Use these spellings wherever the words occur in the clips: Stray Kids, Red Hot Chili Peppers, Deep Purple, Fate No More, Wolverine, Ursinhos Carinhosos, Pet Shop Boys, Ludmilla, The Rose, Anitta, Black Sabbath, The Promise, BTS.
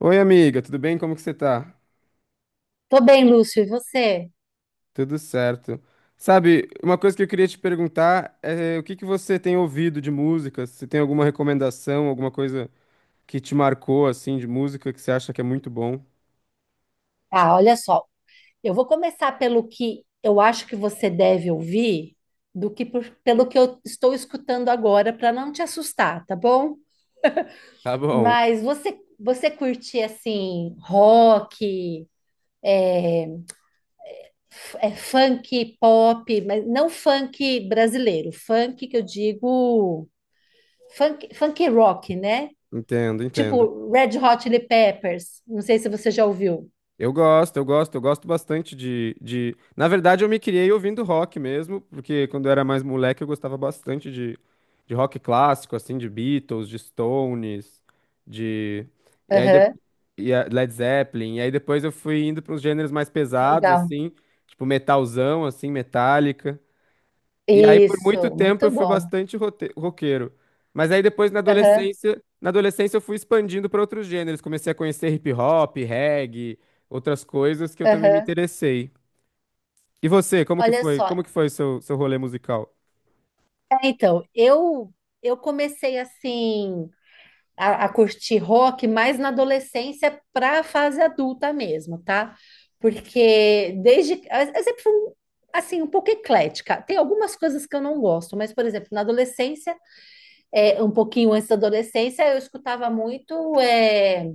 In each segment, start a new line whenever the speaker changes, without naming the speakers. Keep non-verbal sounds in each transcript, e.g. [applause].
Oi, amiga, tudo bem? Como que você tá?
Tô bem, Lúcio, e você?
Tudo certo. Sabe, uma coisa que eu queria te perguntar é o que que você tem ouvido de música? Se tem alguma recomendação, alguma coisa que te marcou, assim, de música que você acha que é muito bom?
Ah, olha só, eu vou começar pelo que eu acho que você deve ouvir do que pelo que eu estou escutando agora para não te assustar, tá bom?
Tá bom,
Mas você curte assim rock, funk, pop, mas não funk brasileiro, funk que eu digo funk, funk rock, né?
entendo, entendo.
Tipo Red Hot Chili Peppers. Não sei se você já ouviu.
Eu gosto bastante de... Na verdade, eu me criei ouvindo rock mesmo, porque quando eu era mais moleque eu gostava bastante de rock clássico, assim, de Beatles, de Stones, de... E aí de-
Aham,
e a- Led Zeppelin. E aí depois eu fui indo para uns gêneros mais pesados,
legal.
assim, tipo metalzão, assim, Metallica. E aí por muito
Isso,
tempo eu
muito
fui
bom.
bastante roqueiro. Mas aí depois
Aham,
na adolescência eu fui expandindo para outros gêneros. Comecei a conhecer hip hop, reggae, outras coisas que eu também me
aham.
interessei. E você, como que
Olha
foi?
só.
Como que foi seu rolê musical?
Então, eu comecei assim a curtir rock mais na adolescência para a fase adulta mesmo, tá? Porque desde eu sempre fui assim um pouco eclética. Tem algumas coisas que eu não gosto, mas por exemplo, na adolescência um pouquinho antes da adolescência, eu escutava muito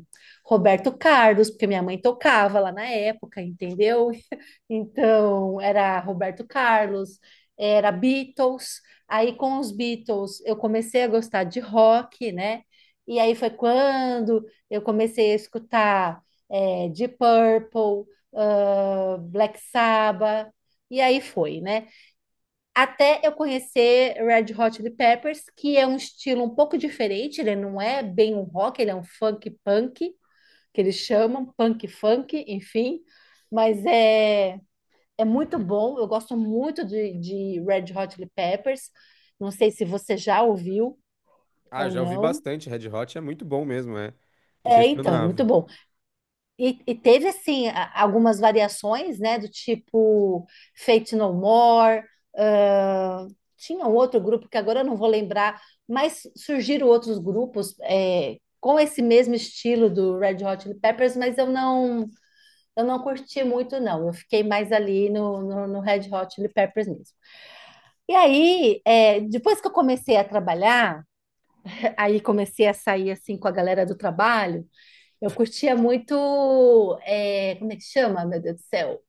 Roberto Carlos, porque minha mãe tocava lá na época, entendeu? [laughs] Então, era Roberto Carlos, era Beatles. Aí, com os Beatles, eu comecei a gostar de rock, né? E aí foi quando eu comecei a escutar Deep Purple, ah, Black Sabbath, e aí foi, né? Até eu conhecer Red Hot Chili Peppers, que é um estilo um pouco diferente, ele não é bem um rock, ele é um funk punk, que eles chamam, punk funk, enfim. Mas é muito bom, eu gosto muito de Red Hot Chili Peppers. Não sei se você já ouviu
Ah,
ou
já ouvi
não.
bastante. Red Hot é muito bom mesmo, é
É, então, é muito
inquestionável.
bom. E teve, assim, algumas variações, né? Do tipo Fate No More, ah, tinha um outro grupo que agora eu não vou lembrar, mas surgiram outros grupos com esse mesmo estilo do Red Hot Chili Peppers, mas eu não curti muito, não. Eu fiquei mais ali no Red Hot Chili Peppers mesmo. E aí, é, depois que eu comecei a trabalhar, aí comecei a sair, assim, com a galera do trabalho, eu curtia muito, é, como é que chama, meu Deus do céu?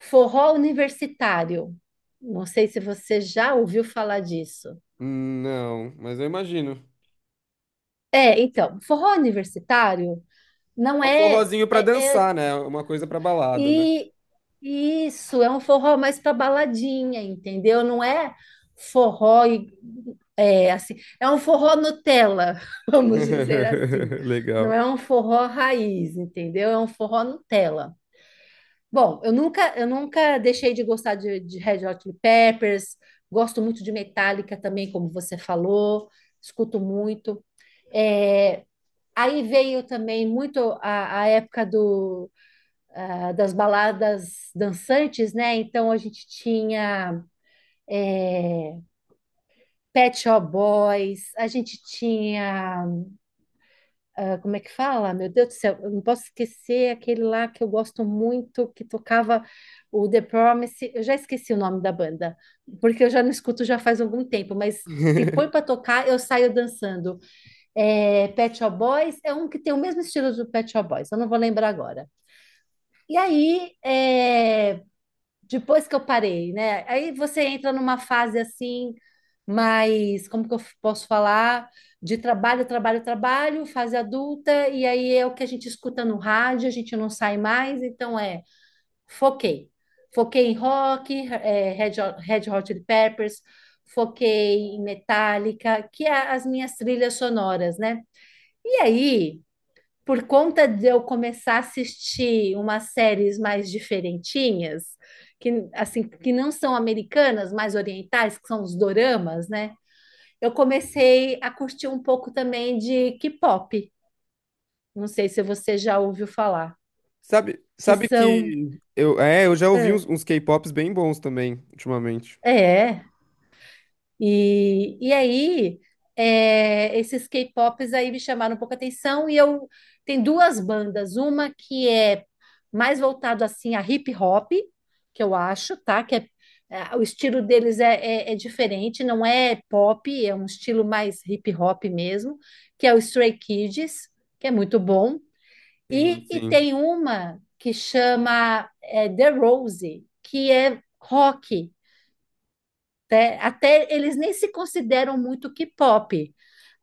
Forró universitário. Não sei se você já ouviu falar disso.
Não, mas eu imagino.
É, então, forró universitário não
É um
é,
forrozinho pra
é, é-
dançar, né? Uma coisa pra balada, né?
e isso é um forró mais para baladinha, entendeu? Não é forró e- é assim, é um forró Nutella, [laughs] vamos dizer
[laughs]
assim. Não
Legal.
é um forró raiz, entendeu? É um forró Nutella. Bom, eu nunca deixei de gostar de Red Hot Chili Peppers, gosto muito de Metallica também, como você falou, escuto muito. É, aí veio também muito a época do, ah, das baladas dançantes, né? Então a gente tinha Pet Shop Boys, a gente tinha... Ah, como é que fala? Meu Deus do céu, eu não posso esquecer aquele lá que eu gosto muito, que tocava o The Promise. Eu já esqueci o nome da banda, porque eu já não escuto já faz algum tempo, mas se põe para
[laughs]
tocar, eu saio dançando. É, Pet Shop Boys é um que tem o mesmo estilo do Pet Shop Boys, eu não vou lembrar agora. E aí, é, depois que eu parei, né? Aí você entra numa fase assim, mais, como que eu posso falar? De trabalho, trabalho, trabalho, fase adulta, e aí é o que a gente escuta no rádio, a gente não sai mais, então é, foquei. Foquei em rock, é, Red Hot Chili Peppers, foquei em Metallica, que é as minhas trilhas sonoras, né? E aí, por conta de eu começar a assistir umas séries mais diferentinhas, que assim, que não são americanas, mais orientais, que são os doramas, né? Eu comecei a curtir um pouco também de K-pop. Não sei se você já ouviu falar,
Sabe,
que
sabe
são
que eu, é, eu já ouvi
ah,
uns, uns K-pops bem bons também ultimamente.
é, E aí, é, esses K-pops aí me chamaram um pouco a atenção e eu tem duas bandas, uma que é mais voltado assim a hip hop, que eu acho, tá? O estilo deles é diferente, não é pop, é um estilo mais hip hop mesmo, que é o Stray Kids, que é muito bom. E,
Sim,
e
sim.
tem uma que chama é, The Rose, que é rock. Até eles nem se consideram muito K-pop.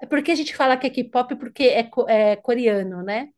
É porque a gente fala que é K-pop porque é coreano, né?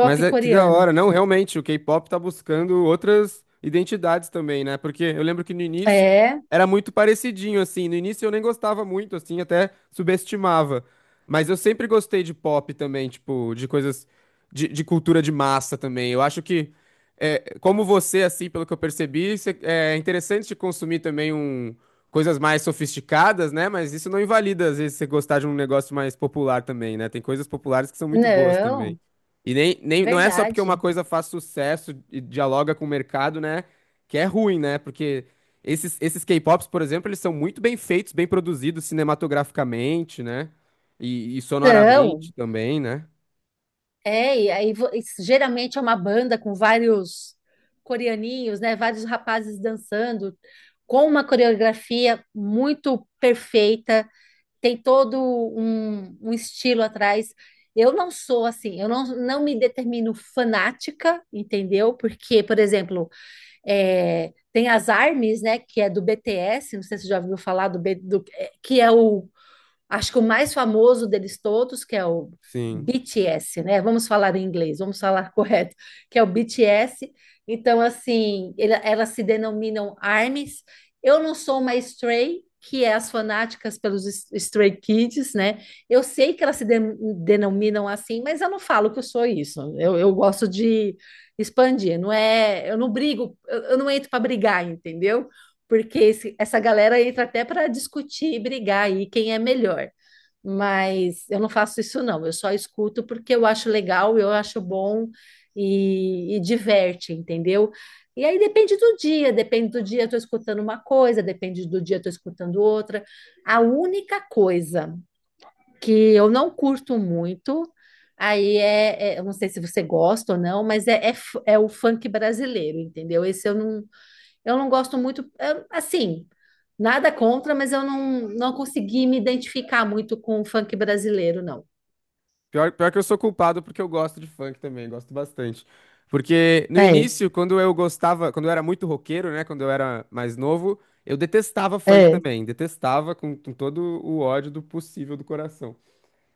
Mas é que da
coreano.
hora, não, realmente, o K-pop tá buscando outras identidades também, né? Porque eu lembro que no início
É,
era muito parecidinho, assim. No início eu nem gostava muito, assim, até subestimava. Mas eu sempre gostei de pop também, tipo, de coisas de cultura de massa também. Eu acho que, é, como você, assim, pelo que eu percebi, é interessante de consumir também um, coisas mais sofisticadas, né? Mas isso não invalida, às vezes, você gostar de um negócio mais popular também, né? Tem coisas populares que são muito boas também.
não,
E nem, nem, não é só porque uma
verdade.
coisa faz sucesso e dialoga com o mercado, né? Que é ruim, né? Porque esses K-pops, por exemplo, eles são muito bem feitos, bem produzidos cinematograficamente, né? E
Não,
sonoramente também, né?
é, e aí e geralmente é uma banda com vários coreaninhos, né? Vários rapazes dançando, com uma coreografia muito perfeita, tem todo um estilo atrás. Eu não sou assim, eu não, não me determino fanática, entendeu? Porque, por exemplo, é, tem as ARMYs, né, que é do BTS, não sei se você já ouviu falar do, B- do- é, que é o... Acho que o mais famoso deles todos, que é o
Sim.
BTS, né? Vamos falar em inglês, vamos falar [laughs] correto, que é o BTS. Então, assim, elas se denominam ARMYs. Eu não sou uma Stray, que é as fanáticas Stray Kids, né? Eu sei que elas se de- denominam assim, mas eu não falo que eu sou isso. Eu gosto de expandir, não é? Eu não brigo, eu não entro para brigar, entendeu? Porque essa galera entra até para discutir e brigar aí quem é melhor. Mas eu não faço isso, não. Eu só escuto porque eu acho legal, eu acho bom e diverte, entendeu? E aí depende do dia eu tô escutando uma coisa, depende do dia eu tô escutando outra. A única coisa que eu não curto muito, eu não sei se você gosta ou não, mas é o funk brasileiro, entendeu? Esse eu não gosto muito, é, assim, nada contra, mas eu não, não consegui me identificar muito com o funk brasileiro, não.
Pior, pior que eu sou culpado porque eu gosto de funk também, gosto bastante. Porque no
É,
início, quando eu gostava, quando eu era muito roqueiro, né? Quando eu era mais novo, eu detestava funk
é.
também, detestava com todo o ódio do possível do coração.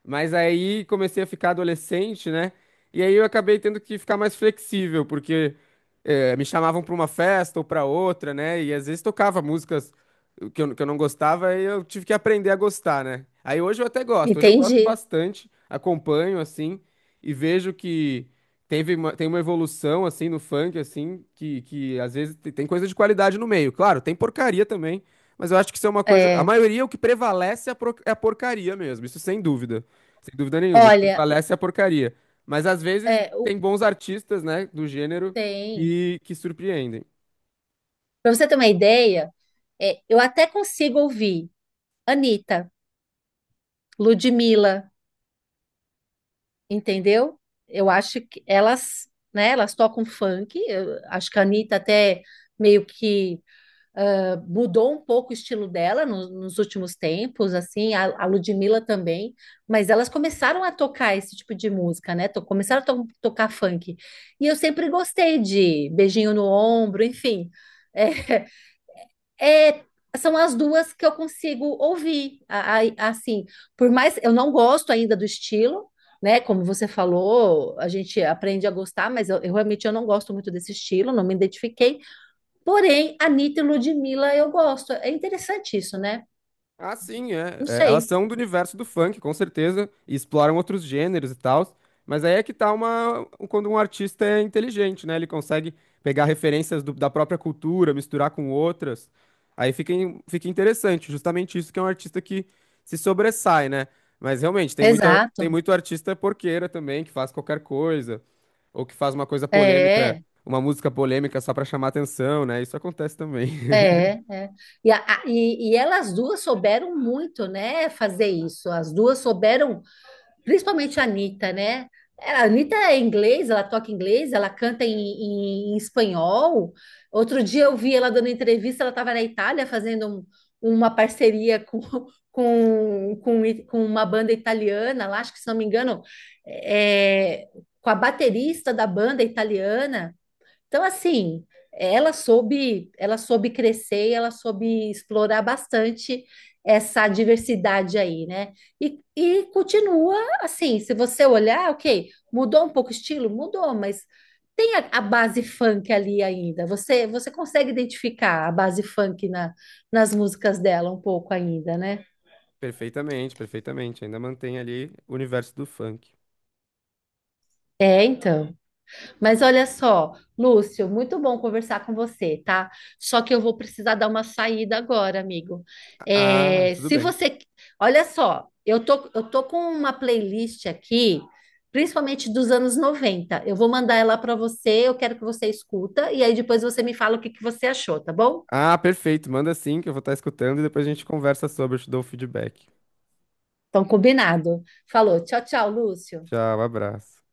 Mas aí comecei a ficar adolescente, né? E aí eu acabei tendo que ficar mais flexível, porque me chamavam para uma festa ou para outra, né? E às vezes tocava músicas que eu não gostava e eu tive que aprender a gostar, né? Aí hoje eu até gosto, hoje eu gosto
Entendi.
bastante, acompanho, assim, e vejo que teve uma, tem uma evolução, assim, no funk, assim, que às vezes tem coisa de qualidade no meio. Claro, tem porcaria também, mas eu acho que isso é uma coisa. A
É,
maioria, é o que prevalece é a é a porcaria mesmo, isso sem dúvida. Sem dúvida nenhuma, o que
olha,
prevalece é a porcaria. Mas às vezes
é, o,
tem bons artistas, né, do gênero
tem.
que surpreendem.
Para você ter uma ideia, é, eu até consigo ouvir Anitta, Ludmilla, entendeu? Eu acho que elas, né, elas tocam funk. Eu acho que a Anitta até meio que mudou um pouco o estilo dela nos últimos tempos, assim, a Ludmilla também, mas elas começaram a tocar esse tipo de música, né? Começaram a tocar funk. E eu sempre gostei de beijinho no ombro, enfim. É, [laughs] é- são as duas que eu consigo ouvir, assim, por mais eu não gosto ainda do estilo, né? Como você falou, a gente aprende a gostar, mas eu realmente eu não gosto muito desse estilo, não me identifiquei. Porém, Anitta e Ludmilla eu gosto. É interessante isso, né?
Ah, sim, é.
Não
É, elas
sei.
são do universo do funk, com certeza, e exploram outros gêneros e tal. Mas aí é que tá uma, um, quando um artista é inteligente, né? Ele consegue pegar referências da própria cultura, misturar com outras. Aí fica, fica interessante, justamente isso que é um artista que se sobressai, né? Mas realmente, tem muita, tem
Exato.
muito artista porqueira também, que faz qualquer coisa, ou que faz uma coisa polêmica,
É,
uma música polêmica só pra chamar atenção, né? Isso acontece também. [laughs]
é. E, e elas duas souberam muito, né, fazer isso. As duas souberam principalmente a Anitta, né? É, a Anitta é inglês, ela toca inglês, ela canta em espanhol. Outro dia eu vi ela dando entrevista, ela estava na Itália fazendo uma parceria com, [laughs] com uma banda italiana lá, acho que se não me engano, é, com a baterista da banda italiana. Então, assim, ela soube crescer, e ela soube explorar bastante essa diversidade aí, né? E continua assim, se você olhar, ok, mudou um pouco o estilo? Mudou, mas tem a base funk ali ainda. Você consegue identificar a base funk nas músicas dela um pouco ainda, né?
Perfeitamente, perfeitamente. Ainda mantém ali o universo do funk.
É, então. Mas olha só, Lúcio, muito bom conversar com você, tá? Só que eu vou precisar dar uma saída agora, amigo.
Ah,
É,
tudo
se
bem.
você, olha só, eu tô com uma playlist aqui, principalmente dos anos 90. Eu vou mandar ela para você, eu quero que você escuta e aí depois você me fala o que que você achou, tá bom?
Ah, perfeito. Manda sim, que eu vou estar escutando e depois a gente conversa sobre, eu te dou o feedback.
Então, combinado. Falou, tchau, tchau, Lúcio.
Tchau, abraço.